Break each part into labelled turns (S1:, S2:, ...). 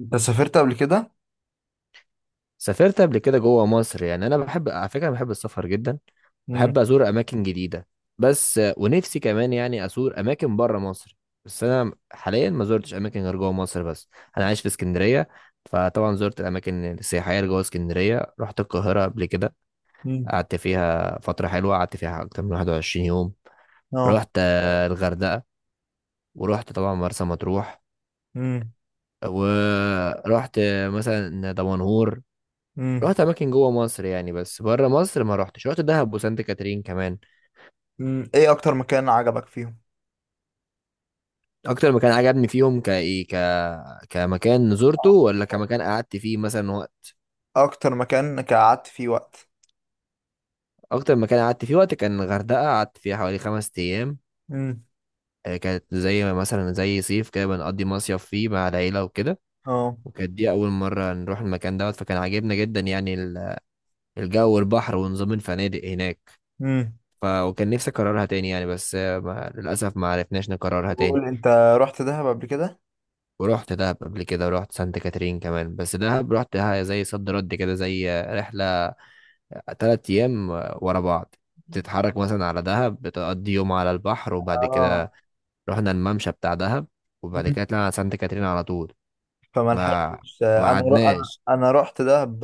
S1: انت سافرت قبل كده؟
S2: سافرت قبل كده جوه مصر، يعني انا بحب، على فكره، بحب السفر جدا.
S1: امم.
S2: بحب ازور اماكن جديده، بس ونفسي كمان يعني ازور اماكن بره مصر. بس انا حاليا ما زرتش اماكن غير جوه مصر بس. انا عايش في اسكندريه. فطبعا زرت الاماكن السياحيه اللي جوه اسكندريه. رحت القاهره قبل كده،
S1: امم.
S2: قعدت فيها فتره حلوه، قعدت فيها اكتر من 21 يوم.
S1: اه.
S2: رحت الغردقه. ورحت طبعا مرسى مطروح.
S1: امم.
S2: ورحت مثلا دمنهور.
S1: امم.
S2: رحت اماكن جوه مصر يعني، بس بره مصر ما رحتش. رحت دهب وسانت كاترين كمان.
S1: امم، ايه اكتر مكان عجبك فيهم؟
S2: اكتر مكان عجبني فيهم، كايه كمكان زرته، ولا كمكان قعدت فيه مثلا وقت؟
S1: اكتر مكان قعدت فيه وقت.
S2: اكتر مكان قعدت فيه وقت كان الغردقه، قعدت فيها حوالي 5 ايام.
S1: امم.
S2: كانت زي مثلا زي صيف كده، بنقضي مصيف فيه مع العيله وكده.
S1: اه.
S2: وكانت دي اول مره نروح المكان دوت، فكان عاجبنا جدا يعني الجو والبحر ونظام الفنادق هناك.
S1: امم.
S2: وكان نفسي اكررها تاني يعني، بس ما... للاسف ما عرفناش نكررها تاني.
S1: بقول انت، رحت دهب قبل كده؟
S2: ورحت دهب قبل كده، ورحت سانت كاترين كمان. بس دهب رحتها زي صد رد كده، زي رحلة 3 أيام ورا بعض. تتحرك مثلا على دهب، بتقضي يوم على البحر، وبعد
S1: اه.
S2: كده رحنا الممشى بتاع دهب. وبعد
S1: امم.
S2: كده طلعنا على سانت كاترين على طول.
S1: فما
S2: ما
S1: لحقتش
S2: ما
S1: انا ر... انا
S2: عدناش.
S1: انا رحت دهب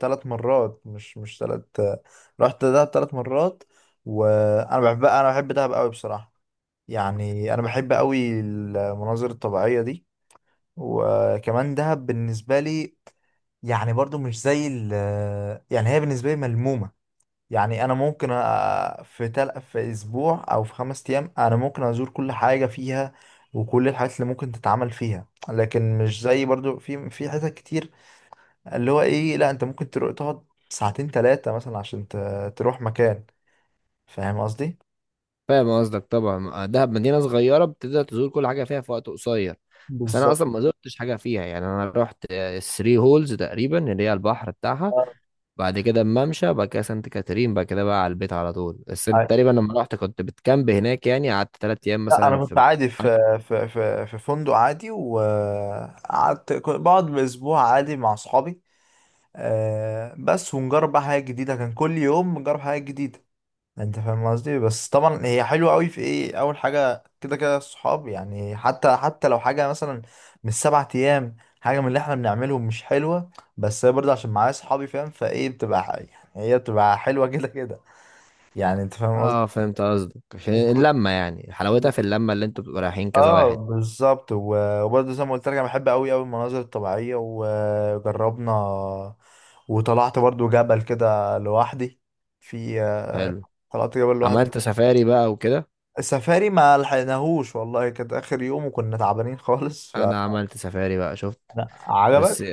S1: ثلاث مرات، مش ثلاث. رحت دهب ثلاث مرات. وانا بحب دهب قوي بصراحة. يعني انا بحب قوي المناظر الطبيعية دي. وكمان دهب بالنسبة لي، يعني برضو مش زي ال... يعني هي بالنسبة لي ملمومة. يعني أنا ممكن في أسبوع أو في خمس أيام أنا ممكن أزور كل حاجة فيها، وكل الحاجات اللي ممكن تتعمل فيها، لكن مش زي برضو في حتت كتير، اللي هو إيه، لأ أنت ممكن تروح تقعد ساعتين تلاتة مثلا عشان تروح مكان. فاهم قصدي؟
S2: فاهم قصدك. طبعا دهب مدينة صغيرة، بتقدر تزور كل حاجة فيها في وقت قصير. بس أنا
S1: بالظبط.
S2: أصلا ما زرتش حاجة فيها. يعني أنا رحت الثري هولز تقريبا، اللي هي البحر بتاعها. بعد كده الممشى، بعد كده سانت كاترين، بعد كده بقى على البيت على طول. بس انت تقريبا لما رحت كنت بتكامب هناك، يعني قعدت 3 ايام
S1: لا
S2: مثلا
S1: انا كنت
S2: في.
S1: عادي في فندق عادي، وقعدت كنت بقعد باسبوع عادي مع اصحابي. بس ونجرب بقى حاجه جديده، كان كل يوم نجرب حاجه جديده، انت فاهم قصدي. بس طبعا هي حلوه قوي في ايه اول حاجه كده كده الصحاب، يعني حتى لو حاجه مثلا مش سبعة ايام، حاجه من اللي احنا بنعملهم مش حلوه، بس هي برضه عشان معايا صحابي، فاهم، يعني هي بتبقى حلوه كده كده، يعني انت فاهم
S2: اه، فهمت قصدك. عشان
S1: قصدي.
S2: اللمة، يعني حلاوتها في اللمة، اللي انتوا بتبقوا رايحين كذا
S1: اه
S2: واحد.
S1: بالظبط، وبرضه زي ما قلت لك انا بحب قوي قوي المناظر الطبيعيه، وجربنا وطلعت برضه جبل كده لوحدي. في
S2: حلو.
S1: طلعت جبل لوحدي.
S2: عملت سفاري بقى وكده؟
S1: السفاري ما لحقناهوش والله، كانت اخر يوم وكنا تعبانين خالص، ف...
S2: انا عملت سفاري بقى، شفت.
S1: عجبك.
S2: بس،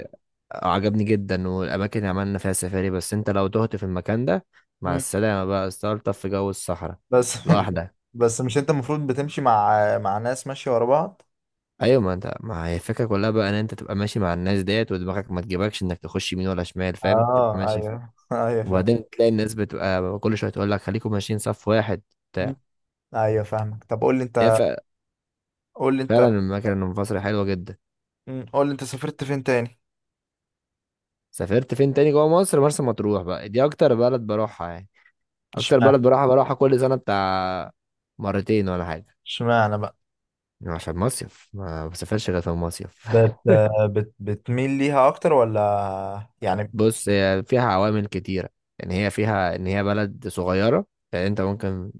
S2: عجبني جدا، والاماكن اللي عملنا فيها سفاري. بس انت لو تهت في المكان ده، مع
S1: مم.
S2: السلامة بقى، استلطف في جو الصحراء
S1: بس
S2: لوحدك.
S1: بس مش انت المفروض بتمشي مع ناس ماشيه ورا بعض؟
S2: ايوه، ما انت، ما هي الفكره كلها بقى ان انت تبقى ماشي مع الناس ديت، ودماغك ما تجيبكش انك تخش يمين ولا شمال. فاهم؟ تبقى
S1: اه
S2: ماشي، فاهم.
S1: ايوه ايوه فاهم.
S2: وبعدين تلاقي الناس بتبقى كل شويه تقول لك خليكم ماشيين صف واحد،
S1: مم.
S2: بتاع.
S1: ايوه فاهمك، طب قول لي
S2: هي
S1: انت، قول لي انت.
S2: فعلا المكان المنفصل حلوه جدا.
S1: مم. قول لي انت، سافرت فين تاني؟
S2: سافرت فين تاني جوه مصر؟ مرسى مطروح بقى، دي اكتر بلد بروحها يعني. اكتر
S1: اشمعنى؟
S2: بلد بروحها بروحها كل سنه، بتاع مرتين ولا حاجه.
S1: اشمعنى بقى؟
S2: عشان مصيف، ما بسافرش غير في المصيف.
S1: بت بت بتميل ليها اكتر ولا يعني؟
S2: بص، هي فيها عوامل كتيرة. يعني هي فيها ان هي بلد صغيرة، يعني انت ممكن،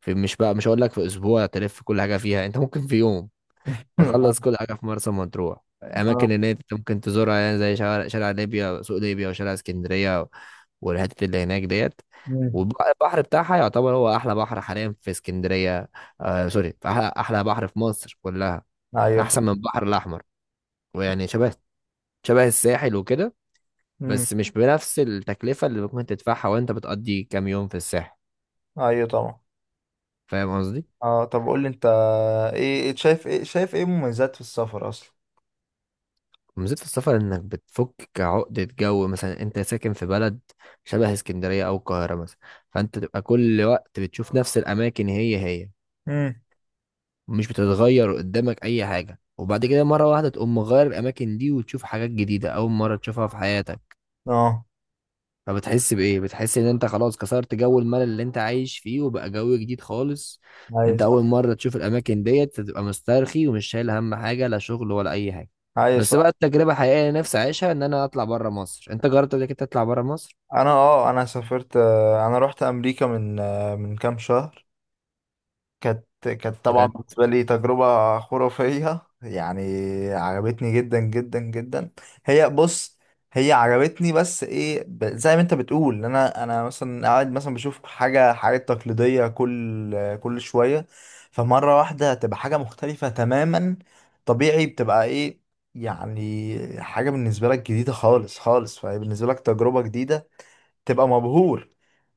S2: في، مش بقى، مش هقول لك في اسبوع تلف كل حاجة فيها، انت ممكن في يوم تخلص كل حاجة في مرسى مطروح. اماكن
S1: آه.
S2: ان انت ممكن تزورها يعني زي شارع ليبيا، سوق ليبيا، وشارع اسكندرية والحتت اللي هناك ديت.
S1: مم.
S2: والبحر بتاعها يعتبر هو احلى بحر حاليا في اسكندرية. آه، سوري، في احلى احلى بحر في مصر كلها،
S1: ايوه ف-
S2: احسن من البحر الاحمر. ويعني شبه شبه الساحل وكده،
S1: مم.
S2: بس مش بنفس التكلفة اللي ممكن تدفعها وانت بتقضي كام يوم في الساحل.
S1: ايوه طبعا.
S2: فاهم قصدي؟
S1: اه طب قول لي انت، ايه إيه شايف ايه شايف ايه مميزات في السفر اصلا؟
S2: ومزيد في السفر انك بتفك عقدة جو. مثلا انت ساكن في بلد شبه اسكندرية او القاهرة مثلا، فانت تبقى كل وقت بتشوف نفس الاماكن هي هي،
S1: امم.
S2: مش بتتغير قدامك اي حاجة. وبعد كده مرة واحدة تقوم مغير الاماكن دي وتشوف حاجات جديدة اول مرة تشوفها في حياتك.
S1: اه
S2: فبتحس بإيه؟ بتحس إن أنت خلاص كسرت جو الملل اللي أنت عايش فيه، وبقى جو جديد خالص.
S1: ايوه
S2: أنت
S1: صح.
S2: أول مرة تشوف الأماكن ديت، تبقى مسترخي ومش شايل هم حاجة، لا شغل ولا أي حاجة.
S1: ايوه
S2: بس بقى
S1: صح.
S2: التجربة حقيقية اللي نفسي أعيشها، إن أنا أطلع بره مصر. أنت جربت قبل كده تطلع بره مصر؟
S1: انا سافرت، انا رحت امريكا من، من كام شهر. كانت طبعا
S2: بجد؟
S1: بالنسبة لي تجربة خرافية يعني. عجبتني جدا جدا جدا. هي بص، هي عجبتني، بس ايه، زي ما انت بتقول ان انا مثلا قاعد مثلا بشوف حاجة، حاجات تقليدية كل شوية، فمرة واحدة تبقى حاجة مختلفة تماما، طبيعي بتبقى ايه، يعني حاجة بالنسبة لك جديدة خالص خالص، فهي بالنسبة لك تجربة جديدة، تبقى مبهور.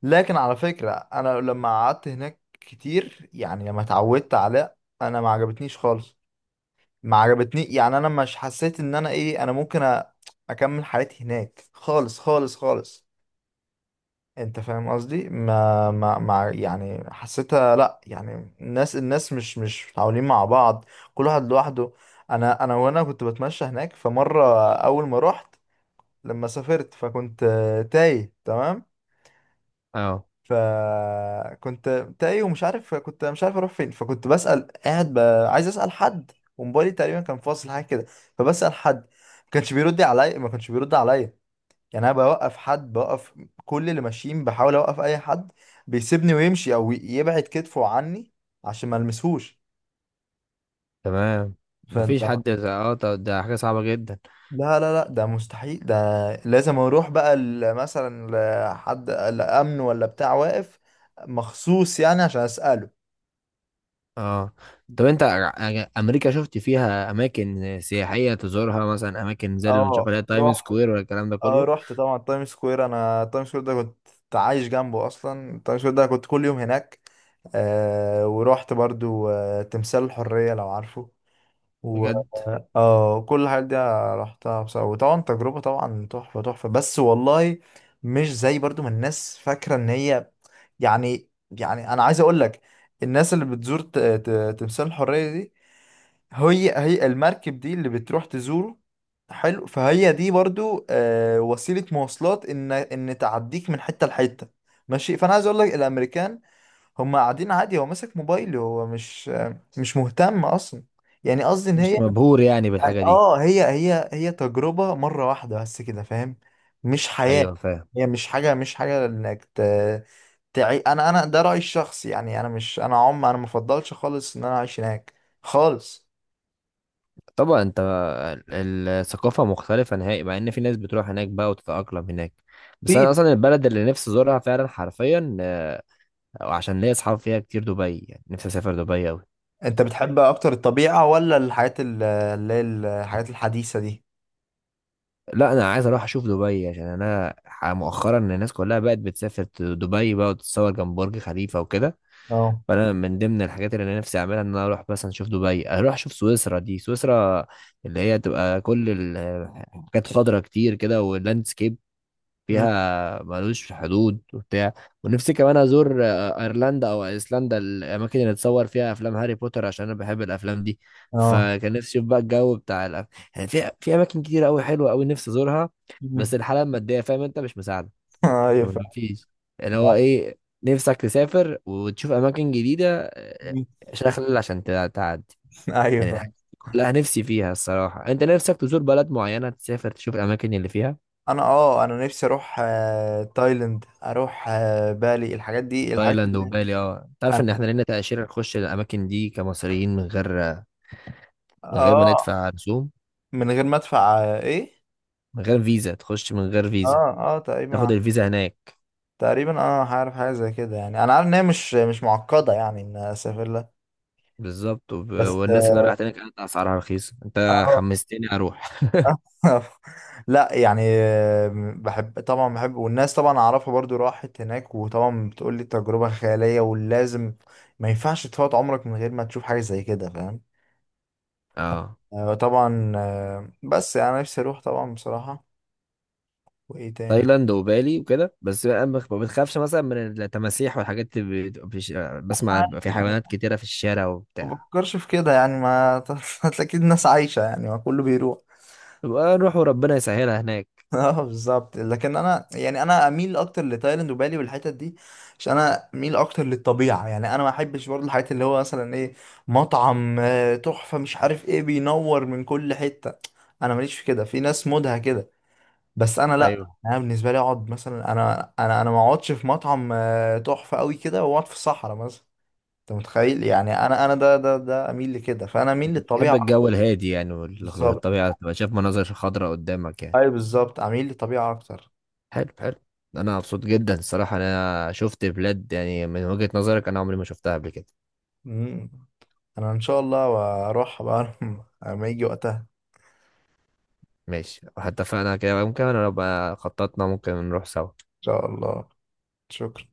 S1: لكن على فكرة انا لما قعدت هناك كتير، يعني لما اتعودت على، انا ما عجبتنيش خالص. ما عجبتني، يعني انا مش حسيت ان انا ايه، انا ممكن اكمل حياتي هناك خالص خالص خالص. انت فاهم قصدي، ما يعني حسيتها، لا يعني الناس مش متعاونين مع بعض، كل واحد لوحده. انا انا وانا كنت بتمشى هناك، فمرة اول ما رحت، لما سافرت فكنت، تايه تمام.
S2: أه،
S1: فكنت تايه ومش عارف، كنت مش عارف اروح فين، فكنت بسأل، قاعد ب... عايز اسأل حد، وموبايلي تقريبا كان فاصل حاجه كده، فبسأل حد، ما كانش بيرد عليا، ما كانش بيرد عليا. يعني انا بوقف حد، بوقف كل اللي ماشيين، بحاول اوقف اي حد، بيسيبني ويمشي او يبعد كتفه عني عشان ما المسهوش.
S2: تمام.
S1: فانت،
S2: مفيش حد أه، طب ده حاجة صعبة جدا.
S1: لا لا لا ده مستحيل ده. لازم اروح بقى مثلا لحد الامن ولا بتاع واقف مخصوص يعني عشان اساله.
S2: أه، طب أنت أمريكا شفت فيها أماكن سياحية تزورها، مثلا أماكن زي اللي بنشوفها اللي
S1: اه
S2: هي تايم
S1: رحت.
S2: سكوير ولا الكلام ده
S1: اه
S2: كله؟
S1: رحت طبعا تايم سكوير، انا تايم سكوير ده كنت عايش جنبه اصلا، تايم سكوير ده كنت كل يوم هناك. آه ورحت برضو آه تمثال الحرية، لو عارفه، و...
S2: بجد؟
S1: اه كل الحاجات دي رحتها بصراحة، وطبعا تجربة طبعا تحفة تحفة، بس والله مش زي برضو ما الناس فاكرة ان هي، يعني انا عايز اقول لك، الناس اللي بتزور تمثال الحرية دي، هي المركب دي اللي بتروح تزوره، حلو، فهي دي برضو، وسيلة مواصلات ان تعديك من حتة لحتة، ماشي. فانا عايز اقول لك الامريكان هم قاعدين عادي، هو ماسك موبايله، هو مش، مش مهتم اصلا. يعني قصدي ان هي،
S2: مش مبهور يعني
S1: يعني
S2: بالحاجة دي.
S1: اه هي تجربة مرة واحدة بس كده، فاهم، مش حياة.
S2: ايوه، فاهم.
S1: هي مش حاجة، مش حاجة انك ت... تعي. انا ده رأيي الشخصي، يعني انا مش انا عم انا مفضلش خالص ان انا اعيش هناك خالص.
S2: طبعا انت الثقافه مختلفه نهائي، مع ان في ناس بتروح هناك بقى وتتاقلم هناك. بس انا اصلا البلد اللي نفسي ازورها فعلا حرفيا، عشان ليا اصحاب فيها كتير، دبي، يعني نفسي اسافر دبي قوي.
S1: انت بتحب اكتر الطبيعة ولا الحاجات اللي هي الحاجات الحديثة دي؟
S2: لا، انا عايز اروح اشوف دبي عشان انا مؤخرا الناس كلها بقت بتسافر دبي بقى، وتتصور جنب برج خليفه وكده.
S1: اه.
S2: فانا من ضمن الحاجات اللي انا نفسي اعملها ان انا اروح مثلا اشوف دبي، اروح اشوف سويسرا. دي سويسرا اللي هي تبقى كل حاجات خضرا كتير كده، واللاندسكيب
S1: مم.
S2: فيها ملوش حدود، وبتاع. ونفسي كمان ازور ايرلندا او ايسلندا، الاماكن اللي اتصور فيها افلام هاري بوتر، عشان انا بحب الافلام دي.
S1: اه.
S2: فكان نفسي اشوف بقى الجو بتاع يعني في اماكن كتير قوي حلوه قوي نفسي ازورها. بس
S1: مم.
S2: الحاله الماديه، فاهم انت، مش مساعده.
S1: ايوه
S2: مفيش. اللي هو
S1: فعلا.
S2: ايه، نفسك تسافر وتشوف اماكن جديده،
S1: مم.
S2: شغل، عشان تعدي.
S1: ايوه
S2: يعني
S1: فعلا.
S2: الحاجات دي كلها نفسي فيها الصراحه. انت نفسك تزور بلد معينه، تسافر تشوف الاماكن اللي فيها.
S1: انا نفسي اروح، تايلاند، اروح بالي، الحاجات
S2: وتايلاند
S1: دي.
S2: وبالي؟ اه، انت عارف ان
S1: انا
S2: احنا لنا تأشيرة نخش الاماكن دي كمصريين من غير ما
S1: اه،
S2: ندفع رسوم.
S1: من غير ما ادفع، ايه.
S2: من غير فيزا، تخش من غير فيزا،
S1: اه. اه
S2: تاخد
S1: تقريبا.
S2: الفيزا هناك.
S1: تقريبا اه، هعرف حاجة زي كده، يعني انا عارف ان هي مش، مش معقدة يعني ان اسافر لها.
S2: بالظبط.
S1: بس
S2: والناس اللي راحت هناك كانت اسعارها رخيصه، انت
S1: اه
S2: حمستني اروح.
S1: لا يعني، بحب طبعا بحب، والناس طبعا اعرفها برضو راحت هناك، وطبعا بتقول لي تجربة خيالية ولازم، ما ينفعش تفوت عمرك من غير ما تشوف حاجة زي كده، فاهم.
S2: اه،
S1: طبعا بس، يعني انا نفسي اروح طبعا بصراحة. وايه تاني؟
S2: تايلاند وبالي وكده، بس بقى ما بتخافش مثلا من التماسيح والحاجات اللي بسمع
S1: عادي
S2: بيبقى في
S1: يعني،
S2: حيوانات كتيره في الشارع
S1: ما
S2: وبتاع.
S1: بفكرش في كده يعني، ما اكيد الناس عايشة يعني، ما كله بيروح.
S2: يبقى نروح وربنا يسهلها هناك.
S1: اه بالظبط. لكن انا يعني انا اميل اكتر لتايلاند وبالي والحتت دي، عشان انا اميل اكتر للطبيعه. يعني انا ما احبش برضه الحاجات اللي هو مثلا ايه، مطعم تحفه مش عارف ايه، بينور من كل حته، انا ماليش في كده، في ناس مودها كده. بس انا لا،
S2: ايوه،
S1: انا بالنسبه لي اقعد مثلا، انا ما اقعدش في مطعم تحفه قوي كده، واقعد في الصحراء مثلا، انت متخيل؟ يعني انا انا ده اميل لكده، فانا اميل
S2: بحب
S1: للطبيعه أكتر.
S2: الجو الهادي يعني،
S1: بالظبط.
S2: والطبيعه تبقى شايف مناظر خضراء قدامك يعني.
S1: اي بالظبط، اميل للطبيعه اكتر.
S2: حلو، حلو. انا مبسوط جدا الصراحه، انا شفت بلاد يعني من وجهة نظرك انا عمري ما شفتها قبل كده.
S1: مم. انا ان شاء الله واروح بقى. لما يجي وقتها ان
S2: ماشي، حتى فانا كده ممكن، انا لو بقى خططنا ممكن نروح سوا.
S1: شاء الله. شكرا.